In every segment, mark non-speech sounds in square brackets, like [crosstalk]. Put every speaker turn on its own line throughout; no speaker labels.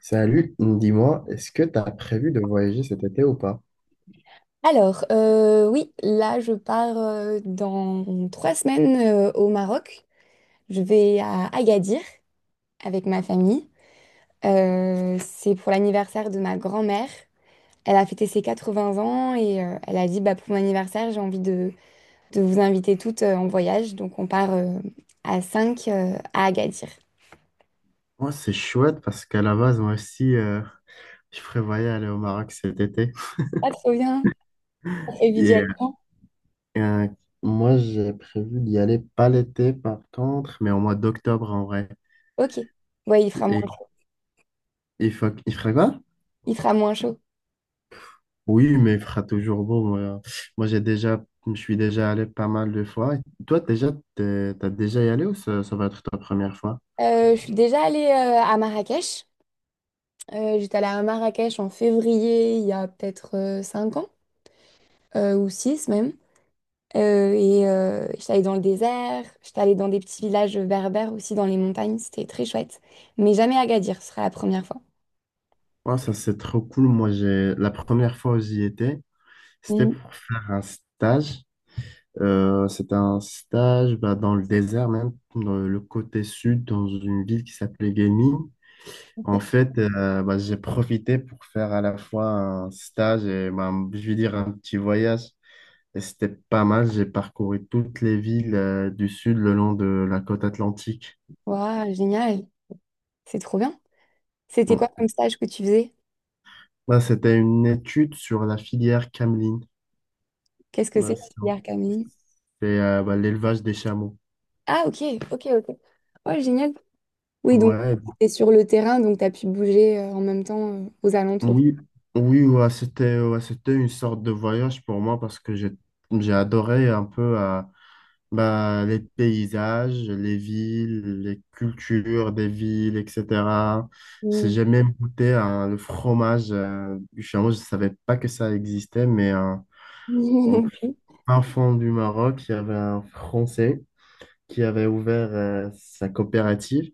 Salut, dis-moi, est-ce que tu as prévu de voyager cet été ou pas?
Alors, oui, là, je pars dans 3 semaines au Maroc. Je vais à Agadir avec ma famille. C'est pour l'anniversaire de ma grand-mère. Elle a fêté ses 80 ans et elle a dit, bah, pour mon anniversaire, j'ai envie de vous inviter toutes en voyage. Donc, on part à 5 à Agadir.
Moi, c'est chouette parce qu'à la base, moi aussi, je prévoyais aller au Maroc cet été.
Ah, trop bien. On fait
Et
viser à.
euh, Moi, j'ai prévu d'y aller pas l'été, par contre, mais au mois d'octobre en vrai.
Ok. Ouais, il fera moins
Et
chaud.
il faut, il fera quoi?
Il fera moins chaud.
Oui, mais il fera toujours beau. Moi, je suis déjà allé pas mal de fois. Toi, déjà, t'as déjà y allé ou ça va être ta première fois?
Je suis déjà allée à Marrakech. J'étais allée à Marrakech en février, il y a peut-être 5 ans, ou 6 même. Et j'étais allée dans le désert, j'étais allée dans des petits villages berbères aussi, dans les montagnes, c'était très chouette. Mais jamais à Agadir, ce sera la première fois.
Ouais, ça, c'est trop cool. Moi, j'ai la première fois où j'y étais, c'était
Mm.
pour faire un stage. C'était un stage bah, dans le désert, même dans le côté sud, dans une ville qui s'appelait Gaming. En
Ok.
fait, bah, j'ai profité pour faire à la fois un stage et bah, je vais dire un petit voyage. Et c'était pas mal. J'ai parcouru toutes les villes du sud le long de la côte atlantique.
Waouh, génial, c'est trop bien. C'était quoi
Bon,
comme stage que tu faisais?
là, c'était une étude sur la filière cameline.
Qu'est-ce que c'est
Bah,
la filière cameline?
bah, l'élevage des chameaux.
Ah, ok, ok, ok. Ouais, génial. Oui, donc
Ouais,
t'es sur le terrain, donc t'as pu bouger en même temps aux alentours.
oui, oui, ouais, c'était une sorte de voyage pour moi parce que j'ai adoré un peu bah, les paysages, les villes, les cultures des villes, etc.
Mm.
J'ai même goûté hein, le fromage du chameau. Je ne savais pas que ça existait, mais
[laughs] Moi
en
non plus.
fin fond du Maroc, il y avait un Français qui avait ouvert sa coopérative,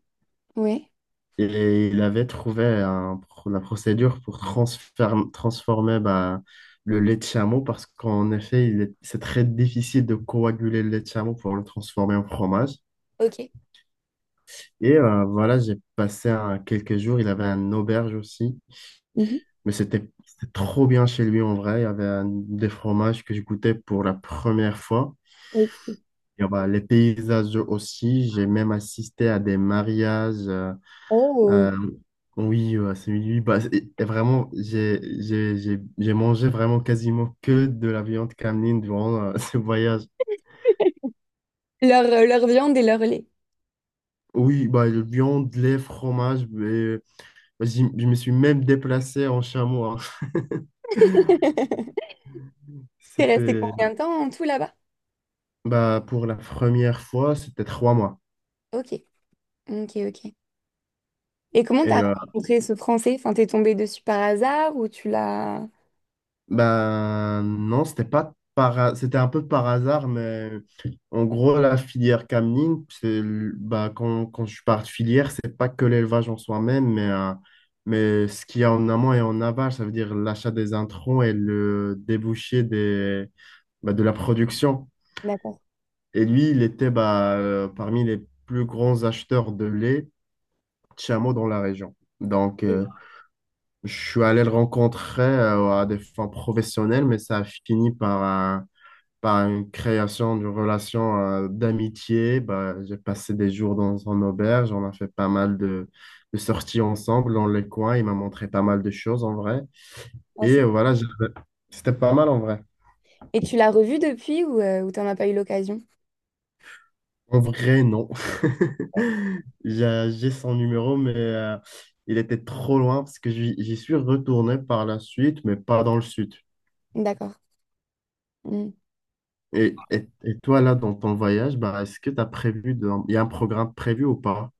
[laughs] Ouais,
et il avait trouvé la procédure pour transformer bah, le lait de chameau parce qu'en effet, c'est très difficile de coaguler le lait de chameau pour le transformer en fromage.
ok.
Et voilà, quelques jours. Il avait une auberge aussi. Mais c'était trop bien chez lui en vrai. Il y des fromages que je goûtais pour la première fois.
Ok.
Bah, les paysages aussi. J'ai même assisté à des mariages.
Oh.
Euh, oui, c'est lui. Et vraiment, j'ai mangé vraiment quasiment que de la viande cameline durant [laughs] ce voyage.
Leur viande et leur lait.
Oui, bah, le viande, lait, fromage. Mais, je me suis même déplacé en chameau, hein. [laughs]
[laughs] T'es resté
C'était
combien de temps en tout là-bas?
bah, pour la première fois, c'était 3 mois.
Ok, ok, ok. Et comment
Et
t'as rencontré ce Français? Enfin, t'es tombé dessus par hasard ou tu l'as…
bah, non, c'était pas par, ha- c'était un peu par hasard, mais en gros, la filière cameline c'est le- bah, quand je parle de filière, c'est pas que l'élevage en soi-même, mais ce qu'il y a en amont et en aval, ça veut dire l'achat des introns et le débouché bah, de la production.
D'accord.
Et lui, il était parmi les plus grands acheteurs de lait de chameaux dans la région. Donc,
Et
je suis allé le rencontrer à des fins professionnelles, mais ça a par une création d'une relation d'amitié. Bah, j'ai passé des jours dans son auberge, on a fait pas mal de sorties ensemble dans les coins. Il m'a montré pas mal de choses en vrai.
ah,
Et
c'est-
voilà, c'était pas mal en vrai.
Tu l'as revu depuis ou t'en as pas eu l'occasion?
En vrai, non. [laughs]
Ouais.
J'ai son numéro, mais il était trop loin parce que j'y suis retourné par la suite, mais pas dans le sud.
D'accord. Mm.
Et toi, là, dans ton voyage, bah, est-ce que tu as prévu de… Il y a un programme prévu ou pas?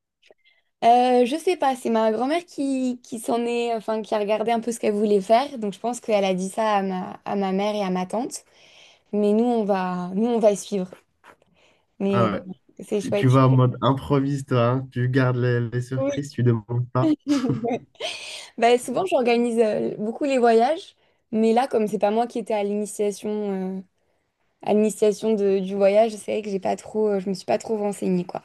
Je sais pas, c'est ma grand-mère qui s'en est, enfin, qui a regardé un peu ce qu'elle voulait faire. Donc je pense qu'elle a dit ça à ma mère et à ma tante. Mais nous, nous, on va suivre. Mais
Ah ouais.
c'est
Tu
chouette.
vas en mode improvise, toi, hein. Tu gardes les
Oui.
surprises, tu demandes pas.
[laughs] Bah, souvent, j'organise beaucoup les voyages, mais là, comme c'est pas moi qui étais à l'initiation du voyage, c'est vrai que j'ai pas trop, je me suis pas trop renseignée, quoi.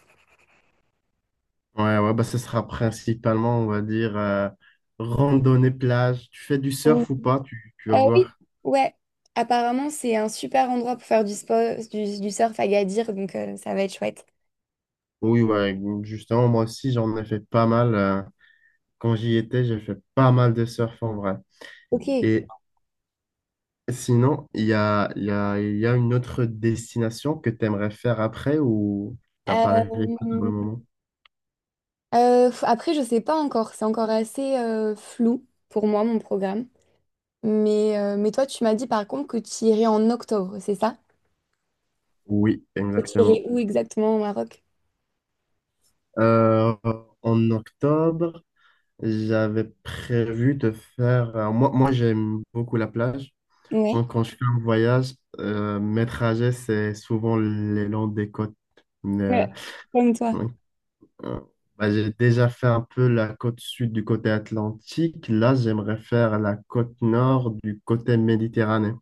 Ouais, ouais, bah, ce sera principalement, on va dire, randonnée, plage. Tu fais du
Oui.
surf ou pas? Tu vas
Oui,
voir.
ouais. Apparemment, c'est un super endroit pour faire du sport, du surf à Gadir, donc ça va être chouette.
Oui, ouais, justement, moi aussi, j'en ai fait pas mal. Quand j'y étais, j'ai fait pas mal de surf en vrai.
Ok.
Et, Sinon, il y a une autre destination que tu aimerais faire après ou t'as pas réfléchi pour le
Euh,
moment?
Après, je sais pas encore. C'est encore assez flou pour moi, mon programme. Mais toi, tu m'as dit par contre que tu irais en octobre, c'est ça?
Oui,
Et tu irais
exactement.
où exactement au Maroc?
Euh, En octobre, j'avais prévu de faire. Moi j'aime beaucoup la plage.
Ouais.
Donc, quand je fais un voyage, mes trajets, c'est souvent les longs des côtes. Mais,
Ouais, comme toi.
euh, bah, j'ai déjà fait un peu la côte sud du côté atlantique. Là, j'aimerais faire la côte nord du côté méditerranéen.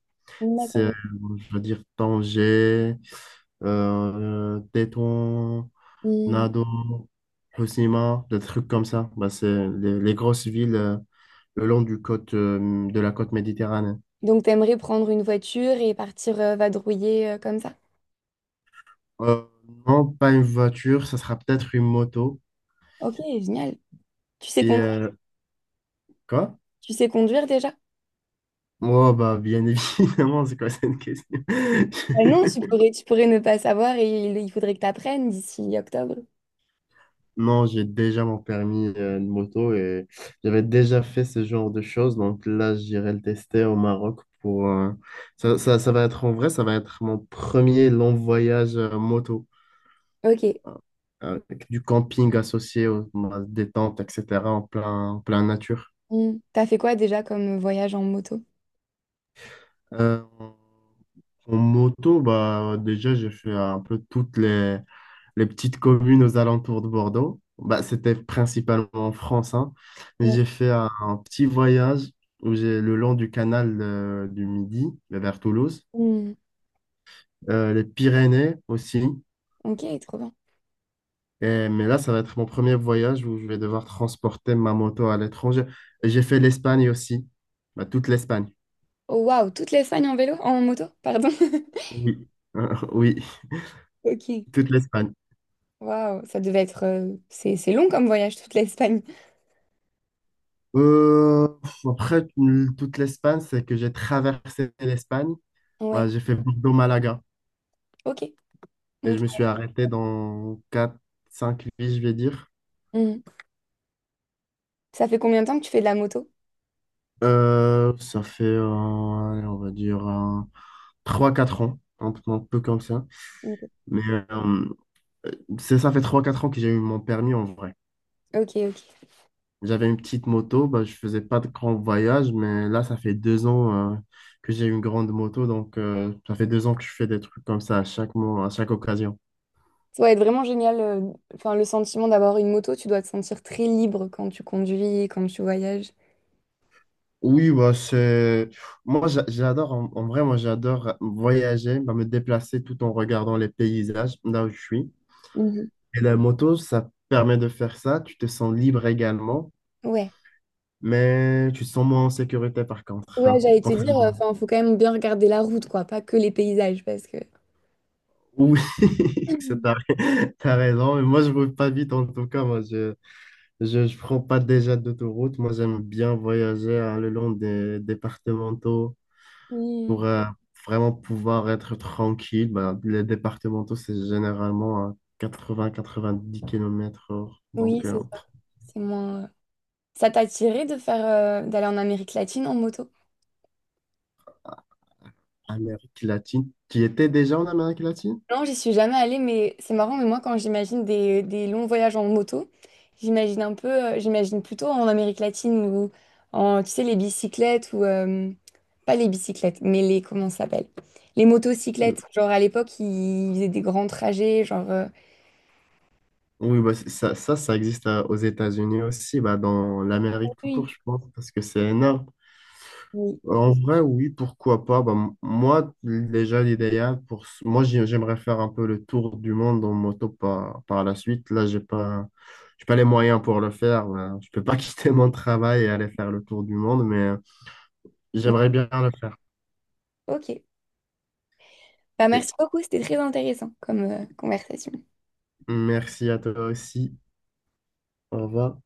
C'est,
D'accord.
je veux dire, Tanger, Tétouan,
Hmm.
Nado, Hoceima, des trucs comme ça. Bah, c'est les grosses villes le long du côte, de la côte méditerranéenne.
Donc, t'aimerais prendre une voiture et partir vadrouiller comme ça?
Euh, non, pas une voiture, ça sera peut-être une moto.
Ok, génial. Tu sais
Et
conduire,
quoi?
Tu sais conduire déjà?
Oh, bah, bien [laughs] évidemment, c'est quoi cette question?
Bah non,
[laughs]
tu pourrais ne pas savoir et il faudrait que tu apprennes d'ici octobre.
Non, j'ai déjà mon permis de moto et j'avais déjà fait ce genre de choses. Donc là, j'irai le tester au Maroc pour… ça va être en vrai, ça va être mon premier long voyage moto
Ok.
avec du camping associé aux à des tentes, etc. en en plein nature.
Hmm. T'as fait quoi déjà comme voyage en moto?
Euh, En moto, bah, déjà, j'ai fait un peu toutes les… les petites communes aux alentours de Bordeaux. Bah, c'était principalement en France, hein. Mais
Ouais.
j'ai fait un petit voyage où j'ai le long du canal du Midi vers Toulouse.
Hmm.
Les Pyrénées aussi.
Ok, trop bien.
Mais là, ça va être mon premier voyage où je vais devoir transporter ma moto à l'étranger. Et j'ai fait l'Espagne aussi, bah, toute l'Espagne.
Oh waouh, toute l'Espagne en vélo, en moto, pardon. [laughs]
Oui, [laughs] oui,
Ok.
toute l'Espagne.
Waouh, ça devait être. C'est long comme voyage, toute l'Espagne.
Euh, Après, toute l'Espagne, c'est que j'ai traversé l'Espagne.
Ouais,
Voilà, j'ai fait Bordeaux-Malaga.
ok.
Et je
Ok.
me suis arrêté dans quatre cinq vies, je vais dire.
Hmm. Ça fait combien de temps que tu fais de la moto?
Euh, ça fait, euh, Allez, on va dire, 3-4 ans, un peu comme ça.
Ok,
Mais euh, c'est ça fait 3 4 ans que j'ai eu mon permis en vrai.
ok. Ok.
J'avais une petite moto, bah, je faisais pas de grands voyages, mais là, ça fait 2 ans que j'ai une grande moto, donc ça fait 2 ans que je fais des trucs comme ça à chaque mois, à chaque occasion.
Ça doit être vraiment génial. Enfin, le sentiment d'avoir une moto, tu dois te sentir très libre quand tu conduis, quand tu voyages.
Oui, bah, c'est… Moi, j'adore, en vrai, moi, j'adore voyager, bah, me déplacer tout en regardant les paysages là où je suis.
Mhm.
Et la moto, ça permet de faire ça. Tu te sens libre également,
Ouais.
mais tu te sens moins en sécurité par contre,
Ouais,
hein.
j'allais te dire,
Contrairement-
enfin, faut quand même bien regarder la route, quoi, pas que les paysages, parce que.
Oui, [laughs] c'est t'as,
[laughs]
[laughs] t'as raison. Mais moi, je roule pas vite en tout cas. Moi, je prends pas déjà d'autoroute. Moi, j'aime bien voyager hein, le long des départementaux.
Mm.
Pour vraiment pouvoir être tranquille. Bah, les départementaux, c'est généralement à 80-90 km heure.
Oui,
Donc,
c'est ça.
entre
C'est moins. Ça t'a attiré de d'aller en Amérique latine en moto?
Amérique latine. Tu étais déjà en Amérique latine?
Non, j'y suis jamais allée, mais c'est marrant, mais moi quand j'imagine des longs voyages en moto, j'imagine un peu, j'imagine plutôt en Amérique latine ou en, tu sais, les bicyclettes ou, pas les bicyclettes, mais les, comment ça s'appelle? Les
Euh,
motocyclettes, genre à l'époque, ils faisaient des grands trajets, genre…
Oui, ça existe aux États-Unis aussi, bah, dans l'Amérique tout court,
Oui.
je pense, parce que c'est énorme.
Oui.
En vrai, oui, pourquoi pas. Bah, moi, déjà, l'idéal, pour… moi, j'aimerais faire un peu le tour du monde en moto par la suite. Là, j'ai pas les moyens pour le faire. Voilà. Je peux pas [laughs] quitter mon travail et aller faire le tour du monde, mais j'aimerais bien le faire.
Ok. Bah,
Et
merci beaucoup, c'était très intéressant comme conversation.
merci à toi aussi. Au revoir.